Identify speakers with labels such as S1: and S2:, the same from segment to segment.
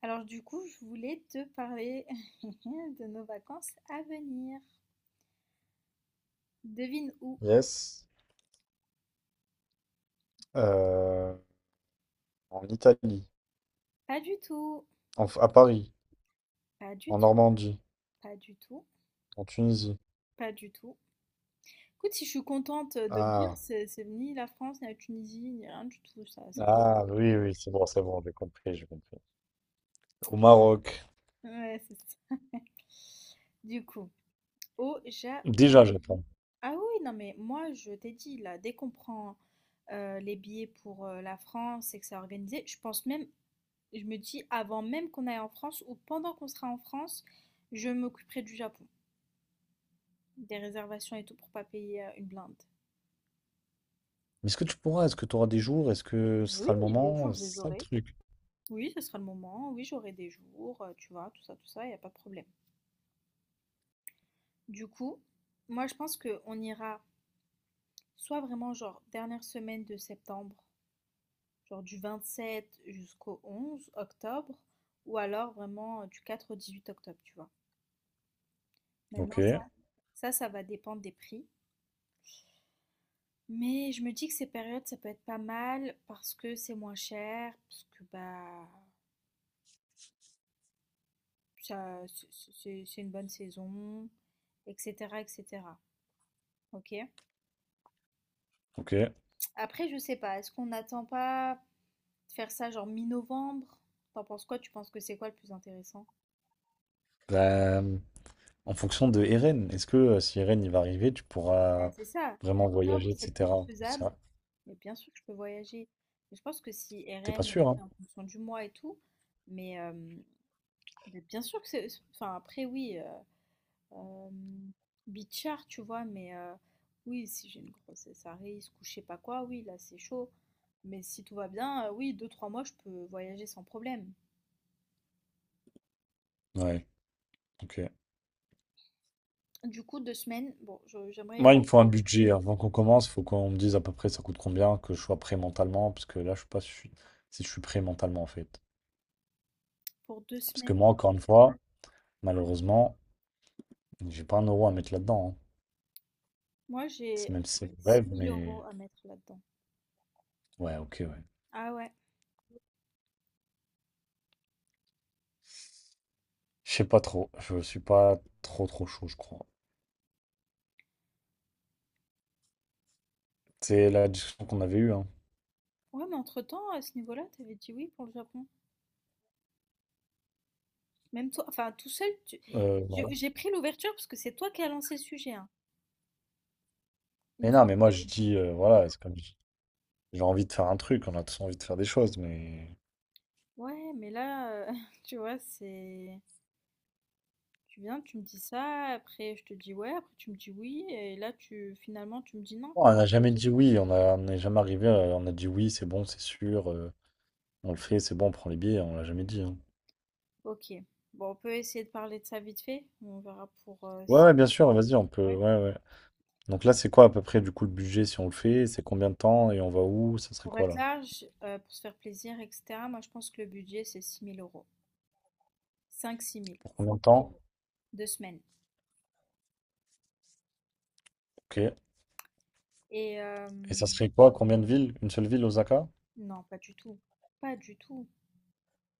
S1: Alors du coup, je voulais te parler de nos vacances à venir. Devine où?
S2: Yes. Euh, En Italie,
S1: Pas du tout,
S2: à Paris,
S1: pas du
S2: en
S1: tout,
S2: Normandie,
S1: pas du tout,
S2: en Tunisie.
S1: pas du tout. Écoute, si je suis contente de le dire,
S2: Ah,
S1: c'est ni la France, ni la Tunisie, ni rien du tout, ça
S2: ah
S1: m'intéresse.
S2: oui, oui, c'est bon, j'ai compris, j'ai compris. Au Maroc,
S1: Ouais, c'est ça. Du coup, au
S2: déjà
S1: Japon.
S2: Japon.
S1: Ah oui, non mais moi, je t'ai dit, là, dès qu'on prend les billets pour la France et que c'est organisé, je pense même. Je me dis, avant même qu'on aille en France ou pendant qu'on sera en France, je m'occuperai du Japon, des réservations et tout pour pas payer une blinde.
S2: Mais est-ce que tu pourras? Est-ce que tu auras des jours? Est-ce que ce
S1: Oui,
S2: sera le
S1: les jours,
S2: moment?
S1: je les
S2: C'est ça le
S1: aurai.
S2: truc.
S1: Oui, ce sera le moment, oui, j'aurai des jours, tu vois, tout ça, il n'y a pas de problème. Du coup, moi je pense qu'on ira soit vraiment genre dernière semaine de septembre, genre du 27 jusqu'au 11 octobre, ou alors vraiment du 4 au 18 octobre, tu vois.
S2: Ok,
S1: Maintenant, ça va dépendre des prix. Mais je me dis que ces périodes, ça peut être pas mal parce que c'est moins cher, parce que bah ça c'est une bonne saison, etc. etc. Ok?
S2: ok.
S1: Après, je sais pas, est-ce qu'on n'attend pas de faire ça genre mi-novembre? T'en penses quoi? Tu penses que c'est quoi le plus intéressant?
S2: Bah, en fonction de Eren, est-ce que si Eren il va arriver, tu
S1: Ouais,
S2: pourras
S1: c'est ça,
S2: vraiment
S1: octobre
S2: voyager,
S1: c'est plus
S2: etc.
S1: faisable,
S2: Ça,
S1: mais bien sûr que je peux voyager. Mais je pense que si
S2: T'es pas
S1: RN,
S2: sûr, hein?
S1: après en fonction du mois et tout, mais euh, mais bien sûr que c'est. Enfin, après, oui. Euh, Bichard, tu vois, mais oui, si j'ai une grossesse à risque ou je sais pas quoi, oui, là c'est chaud. Mais si tout va bien, oui, deux, 3 mois, je peux voyager sans problème.
S2: Ouais, ok.
S1: Du coup, 2 semaines, bon, j'aimerais y
S2: Moi,
S1: aller
S2: il me faut un budget. Avant qu'on commence, il faut qu'on me dise à peu près ça coûte combien, que je sois prêt mentalement, parce que là, je sais pas si je suis prêt mentalement, en fait.
S1: pour deux
S2: Parce que
S1: semaines.
S2: moi, encore une fois, malheureusement, j'ai pas un euro à mettre là-dedans, hein.
S1: Moi,
S2: C'est
S1: j'ai
S2: même si c'est le
S1: six
S2: rêve,
S1: mille euros
S2: mais
S1: à mettre là-dedans.
S2: ouais, ok, ouais.
S1: Ah ouais.
S2: Je sais pas trop. Je suis pas trop, trop chaud, je crois. C'est la discussion qu'on avait eue, hein.
S1: Ouais, mais entre-temps, à ce niveau-là, t'avais dit oui pour le Japon. Même toi, enfin, tout seul, tu-
S2: Euh, non.
S1: j'ai pris l'ouverture parce que c'est toi qui as lancé le sujet, hein. Une
S2: Mais non,
S1: fois,
S2: mais moi,
S1: que avais
S2: je
S1: dit.
S2: dis, voilà, c'est comme j'ai envie de faire un truc, on a tous envie de faire des choses, mais.
S1: Ouais, mais là, tu vois, c'est... Tu viens, tu me dis ça, après je te dis ouais, après tu me dis oui, et là tu finalement tu me dis non.
S2: On n'a jamais dit oui, on n'est jamais arrivé, on a dit oui, c'est bon, c'est sûr, on le fait, c'est bon, on prend les billets, on l'a jamais dit, hein.
S1: Ok. Bon, on peut essayer de parler de ça vite fait. On verra pour
S2: Ouais,
S1: si-
S2: ouais, bien sûr, vas-y, on peut.
S1: ouais.
S2: Ouais, ouais. Donc là, c'est quoi à peu près du coup le budget si on le fait? C'est combien de temps et on va où? Ça serait
S1: Pour
S2: quoi
S1: être
S2: là?
S1: large, pour se faire plaisir, etc. Moi, je pense que le budget c'est six mille euros. Cinq six mille.
S2: Pour combien de temps?
S1: 2 semaines.
S2: Ok. Et
S1: Et
S2: ça serait quoi? Combien de villes? Une seule ville, Osaka?
S1: non, pas du tout. Pas du tout.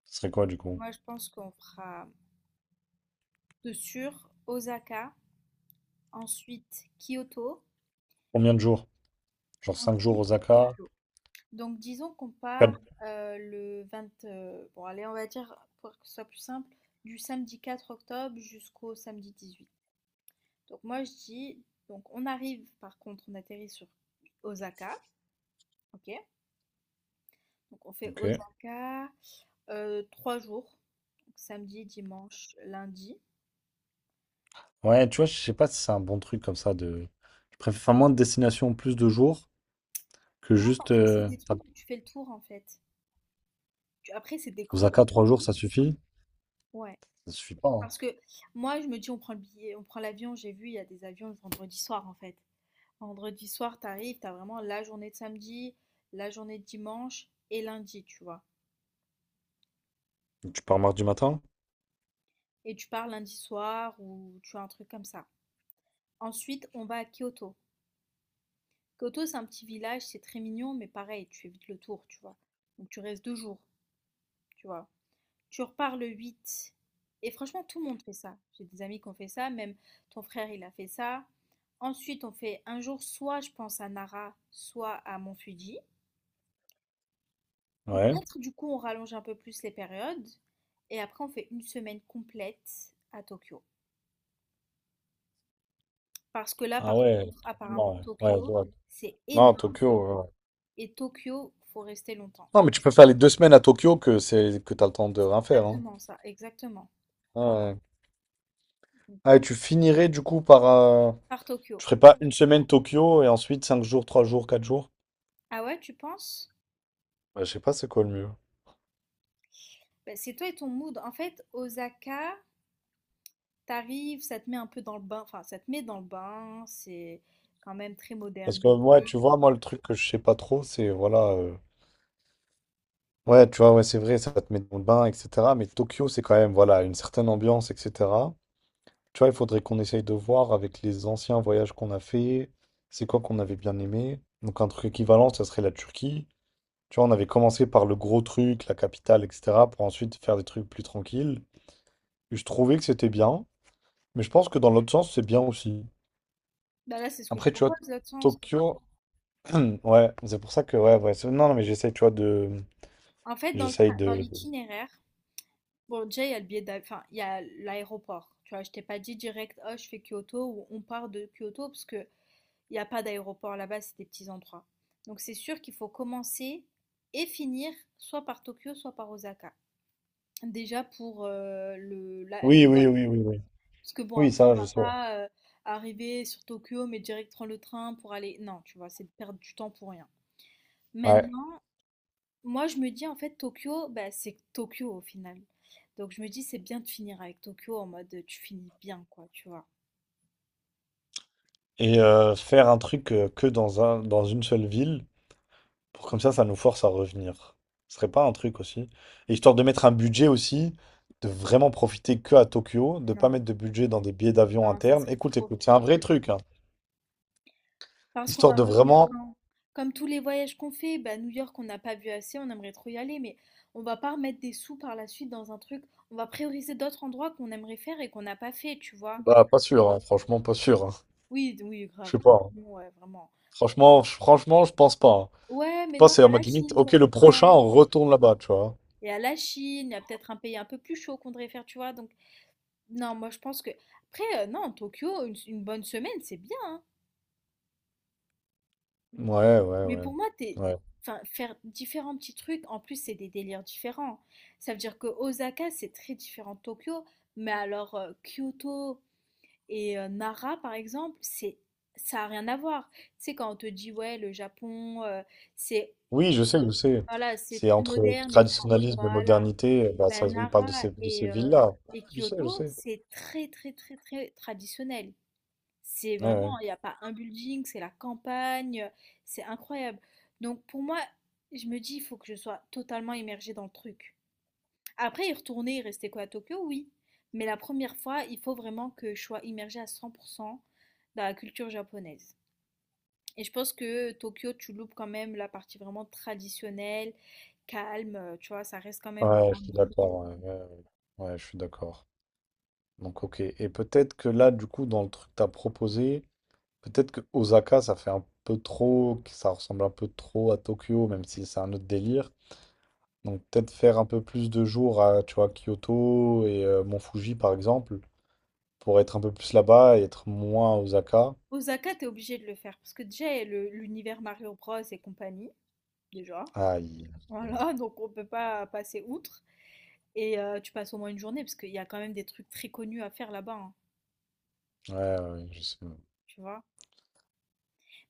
S2: Ça serait quoi du coup?
S1: Moi, je pense qu'on fera de sûr Osaka, ensuite Kyoto,
S2: Combien de jours? Genre cinq jours
S1: ensuite
S2: Osaka?
S1: Tokyo. Donc disons qu'on part
S2: 4.
S1: le 20, bon allez, on va dire pour que ce soit plus simple, du samedi 4 octobre jusqu'au samedi 18. Donc moi je dis, donc on arrive par contre, on atterrit sur Osaka, ok? Donc on fait
S2: Ok.
S1: Osaka 3 jours, donc samedi, dimanche, lundi.
S2: Ouais, tu vois, je sais pas si c'est un bon truc comme ça de. Je préfère faire moins de destinations, plus de jours que
S1: Non,
S2: juste.
S1: parce que c'est des trucs où tu fais le tour en fait. Tu- après c'est des grosses
S2: Osaka, 3 jours,
S1: journées.
S2: ça suffit?
S1: Ouais.
S2: Ça suffit pas, hein.
S1: Parce que moi je me dis on prend le billet, on prend l'avion, j'ai vu il y a des avions le vendredi soir en fait. Vendredi soir, t'arrives, t'as vraiment la journée de samedi, la journée de dimanche et lundi, tu vois.
S2: Tu pars mardi matin?
S1: Et tu pars lundi soir ou tu as un truc comme ça. Ensuite, on va à Kyoto. Kyoto, c'est un petit village, c'est très mignon, mais pareil, tu fais vite le tour, tu vois. Donc tu restes 2 jours, tu vois. Tu repars le 8. Et franchement, tout le monde fait ça. J'ai des amis qui ont fait ça, même ton frère, il a fait ça. Ensuite, on fait un jour soit, je pense, à Nara, soit à Mont Fuji. Ou
S2: Ouais.
S1: peut-être du coup on rallonge un peu plus les périodes et après on fait une semaine complète à Tokyo. Parce que là
S2: Ah
S1: par
S2: ouais,
S1: contre, apparemment
S2: carrément, ouais. Ouais, je
S1: Tokyo,
S2: vois.
S1: c'est
S2: Non,
S1: énorme
S2: Tokyo.
S1: et Tokyo, faut rester longtemps.
S2: Non, mais tu peux faire les 2 semaines à Tokyo que c'est que t'as le temps de rien faire, hein.
S1: Exactement ça, exactement.
S2: Ah, ouais.
S1: Donc
S2: Ah, et tu finirais du coup par.
S1: par Tokyo.
S2: Tu ferais pas une semaine Tokyo et ensuite 5 jours, 3 jours, 4 jours?
S1: Ah ouais, tu penses?
S2: Ouais, je sais pas c'est quoi le mieux.
S1: Ben, c'est toi et ton mood. En fait, Osaka, t'arrives, ça te met un peu dans le bain, enfin ça te met dans le bain, c'est quand même très
S2: Parce
S1: moderne.
S2: que ouais, tu vois, moi le truc que je sais pas trop, c'est voilà. Ouais, tu vois, ouais, c'est vrai, ça va te met dans le bain, etc. Mais Tokyo, c'est quand même voilà une certaine ambiance, etc. Tu vois, il faudrait qu'on essaye de voir avec les anciens voyages qu'on a fait, c'est quoi qu'on avait bien aimé. Donc un truc équivalent, ça serait la Turquie. Tu vois, on avait commencé par le gros truc, la capitale, etc., pour ensuite faire des trucs plus tranquilles. Et je trouvais que c'était bien, mais je pense que dans l'autre sens, c'est bien aussi.
S1: Ben là, c'est ce que je
S2: Après, tu
S1: propose,
S2: vois,
S1: l'autre sens.
S2: Tokyo, ouais, c'est pour ça que, ouais, ouais, non, non, mais j'essaye, tu vois, de,
S1: En fait,
S2: j'essaye
S1: dans
S2: de,
S1: l'itinéraire. Bon, déjà, il y a le billet d'av- enfin, il y a l'aéroport. Tu vois, je t'ai pas dit direct, oh, je fais Kyoto ou on part de Kyoto parce que il n'y a pas d'aéroport là-bas, c'est des petits endroits. Donc, c'est sûr qu'il faut commencer et finir soit par Tokyo, soit par Osaka. Déjà pour
S2: oui, oui, oui, oui, oui,
S1: Parce que bon,
S2: oui,
S1: après, on
S2: ça, je
S1: va
S2: sais, ouais.
S1: pas arriver sur Tokyo, mais direct prendre le train pour aller. Non, tu vois, c'est de perdre du temps pour rien.
S2: Ouais.
S1: Moi, je me dis en fait Tokyo, bah, c'est Tokyo au final. Donc je me dis c'est bien de finir avec Tokyo en mode tu finis bien quoi, tu vois.
S2: Et faire un truc que dans un, dans une seule ville. Pour comme ça nous force à revenir. Ce serait pas un truc aussi. Et histoire de mettre un budget aussi, de vraiment profiter que à Tokyo, de pas
S1: Non,
S2: mettre de budget dans des billets d'avion
S1: non, ça
S2: internes.
S1: serait
S2: Écoute,
S1: trop
S2: écoute, c'est un vrai
S1: frustrant.
S2: truc, hein.
S1: Parce qu'on
S2: Histoire
S1: va
S2: de
S1: revenir
S2: vraiment.
S1: quand? Comme tous les voyages qu'on fait, bah, New York on n'a pas vu assez, on aimerait trop y aller, mais on va pas remettre des sous par la suite dans un truc. On va prioriser d'autres endroits qu'on aimerait faire et qu'on n'a pas fait, tu vois.
S2: Bah, pas sûr, hein. Franchement, pas sûr, hein.
S1: Oui, oui,
S2: Je
S1: grave.
S2: sais pas,
S1: Grave,
S2: hein.
S1: non, ouais, vraiment.
S2: Franchement, franchement, je pense pas, hein.
S1: Ouais,
S2: Je
S1: mais non,
S2: pense que c'est
S1: il y
S2: en
S1: a la
S2: mode limite,
S1: Chine
S2: ok,
S1: qu'on
S2: le
S1: veut
S2: prochain,
S1: faire.
S2: on retourne là-bas, tu vois.
S1: Il y a la Chine, il y a peut-être un pays un peu plus chaud qu'on devrait faire, tu vois. Donc non, moi je pense que. Après, non, Tokyo, une bonne semaine, c'est bien.
S2: Ouais, ouais,
S1: Mais
S2: ouais.
S1: pour moi, t'es...
S2: Ouais.
S1: Enfin, faire différents petits trucs, en plus, c'est des délires différents. Ça veut dire que Osaka, c'est très différent de Tokyo. Mais alors, Kyoto et Nara, par exemple, c'est ça n'a rien à voir. Tu sais, quand on te dit, ouais, le Japon, c'est
S2: Oui, je sais, je sais.
S1: voilà, c'est
S2: C'est
S1: très
S2: entre
S1: moderne. Et...
S2: traditionnalisme et
S1: Voilà.
S2: modernité. Bah, ça,
S1: Ben,
S2: il parle de
S1: Nara
S2: ces, de ces villes-là.
S1: et
S2: Je sais, je
S1: Kyoto,
S2: sais.
S1: c'est très, très, très, très traditionnel. C'est
S2: Ouais, ouais.
S1: vraiment, il n'y a pas un building, c'est la campagne, c'est incroyable. Donc pour moi, je me dis, il faut que je sois totalement immergée dans le truc. Après, y retourner et rester quoi à Tokyo, oui. Mais la première fois, il faut vraiment que je sois immergée à 100% dans la culture japonaise. Et je pense que Tokyo, tu loupes quand même la partie vraiment traditionnelle, calme, tu vois, ça reste quand même une
S2: Ouais, je
S1: grande
S2: suis
S1: ville.
S2: d'accord. Ouais, ouais, ouais. Ouais, je suis d'accord. Donc, ok. Et peut-être que là, du coup, dans le truc que tu proposé, peut-être que Osaka, ça fait un peu trop, que ça ressemble un peu trop à Tokyo, même si c'est un autre délire. Donc, peut-être faire un peu plus de jours à, tu vois, Kyoto et Mont Fuji, par exemple, pour être un peu plus là-bas et être moins à Osaka.
S1: Osaka, t'es obligé de le faire parce que déjà, il y a l'univers Mario Bros et compagnie, déjà.
S2: Aïe. Aïe, aïe.
S1: Voilà, donc on peut pas passer outre. Et tu passes au moins une journée, parce qu'il y a quand même des trucs très connus à faire là-bas, hein,
S2: Ouais, ouais, ouais, je sais.
S1: tu vois.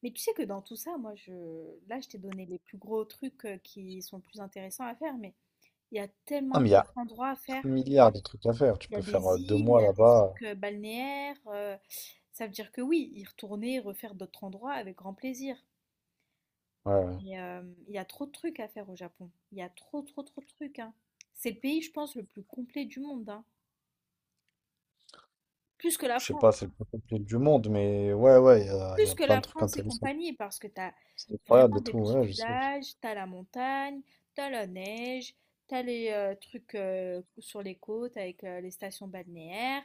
S1: Mais tu sais que dans tout ça, moi, je... Là, je t'ai donné les plus gros trucs qui sont plus intéressants à faire, mais il y a
S2: Ah,
S1: tellement
S2: mais il y a
S1: d'autres endroits à faire.
S2: un milliard de trucs à faire. Tu
S1: Il y a
S2: peux faire
S1: des
S2: deux
S1: îles, il y
S2: mois
S1: a des
S2: là-bas.
S1: trucs balnéaires. Ça veut dire que oui, y retourner, refaire d'autres endroits avec grand plaisir.
S2: Ouais, ouais.
S1: Mais il y a trop de trucs à faire au Japon. Il y a trop, trop, trop de trucs, hein. C'est le pays, je pense, le plus complet du monde, hein. Plus que la
S2: Je sais pas,
S1: France.
S2: c'est le plus compliqué du monde, mais ouais, ouais, il y
S1: Plus
S2: a
S1: que
S2: plein
S1: la
S2: de trucs
S1: France et
S2: intéressants.
S1: compagnie, parce que tu as
S2: C'est incroyable
S1: vraiment
S2: et
S1: des
S2: tout,
S1: petits
S2: ouais, je sais.
S1: villages, tu as la montagne, tu as la neige, tu as les trucs sur les côtes avec les stations balnéaires,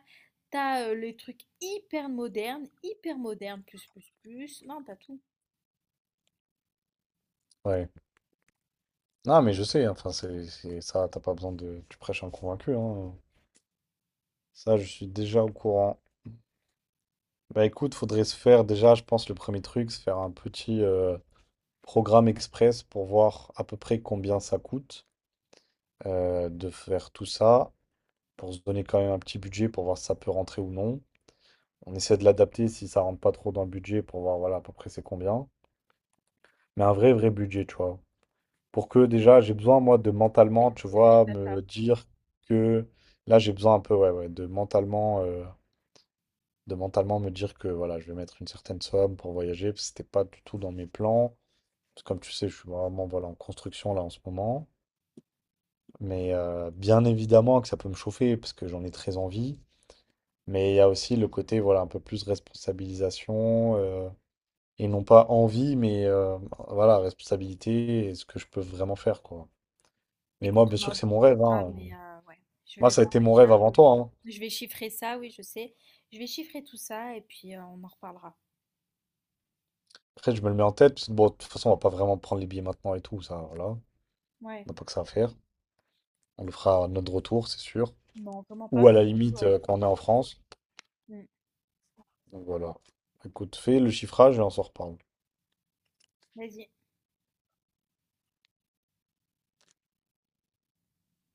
S1: tu as les trucs hyper modernes, plus, plus, plus. Non, tu as tout.
S2: Ouais. Non, mais je sais, enfin, c'est ça, t'as pas besoin de. Tu prêches un convaincu, hein. Ça, je suis déjà au courant. Bah écoute, faudrait se faire déjà, je pense, le premier truc, se faire un petit programme express pour voir à peu près combien ça coûte, de faire tout ça, pour se donner quand même un petit budget pour voir si ça peut rentrer ou non. On essaie de l'adapter si ça rentre pas trop dans le budget pour voir, voilà, à peu près c'est combien. Mais un vrai, vrai budget, tu vois. Pour que déjà j'ai besoin moi de mentalement, tu
S1: C'est vrai,
S2: vois,
S1: t'as ça.
S2: me dire que là j'ai besoin un peu ouais, ouais, de mentalement, de mentalement me dire que voilà, je vais mettre une certaine somme pour voyager parce que c'était pas du tout dans mes plans. Parce que comme tu sais, je suis vraiment voilà en construction là en ce moment, mais bien évidemment que ça peut me chauffer parce que j'en ai très envie, mais il y a aussi le côté voilà un peu plus responsabilisation, et non pas envie mais, voilà, responsabilité et ce que je peux vraiment faire quoi. Mais moi,
S1: Écoute,
S2: bien
S1: on
S2: sûr
S1: en
S2: que c'est mon rêve,
S1: discutera,
S2: hein.
S1: mais ouais, je
S2: Moi,
S1: vais
S2: ça a
S1: voir
S2: été mon
S1: déjà.
S2: rêve avant toi, hein.
S1: Je vais chiffrer ça, oui, je sais. Je vais chiffrer tout ça et puis on en reparlera.
S2: Après, je me le mets en tête, parce que bon, de toute façon, on va pas vraiment prendre les billets maintenant et tout, ça, voilà. On
S1: Ouais,
S2: n'a pas que ça à faire. On le fera à notre retour, c'est sûr.
S1: non, vraiment
S2: Ou
S1: pas.
S2: à la limite,
S1: Ouais.
S2: quand on est en France.
S1: Mm.
S2: Donc voilà. Écoute, fais le chiffrage et on s'en reparle.
S1: Vas-y.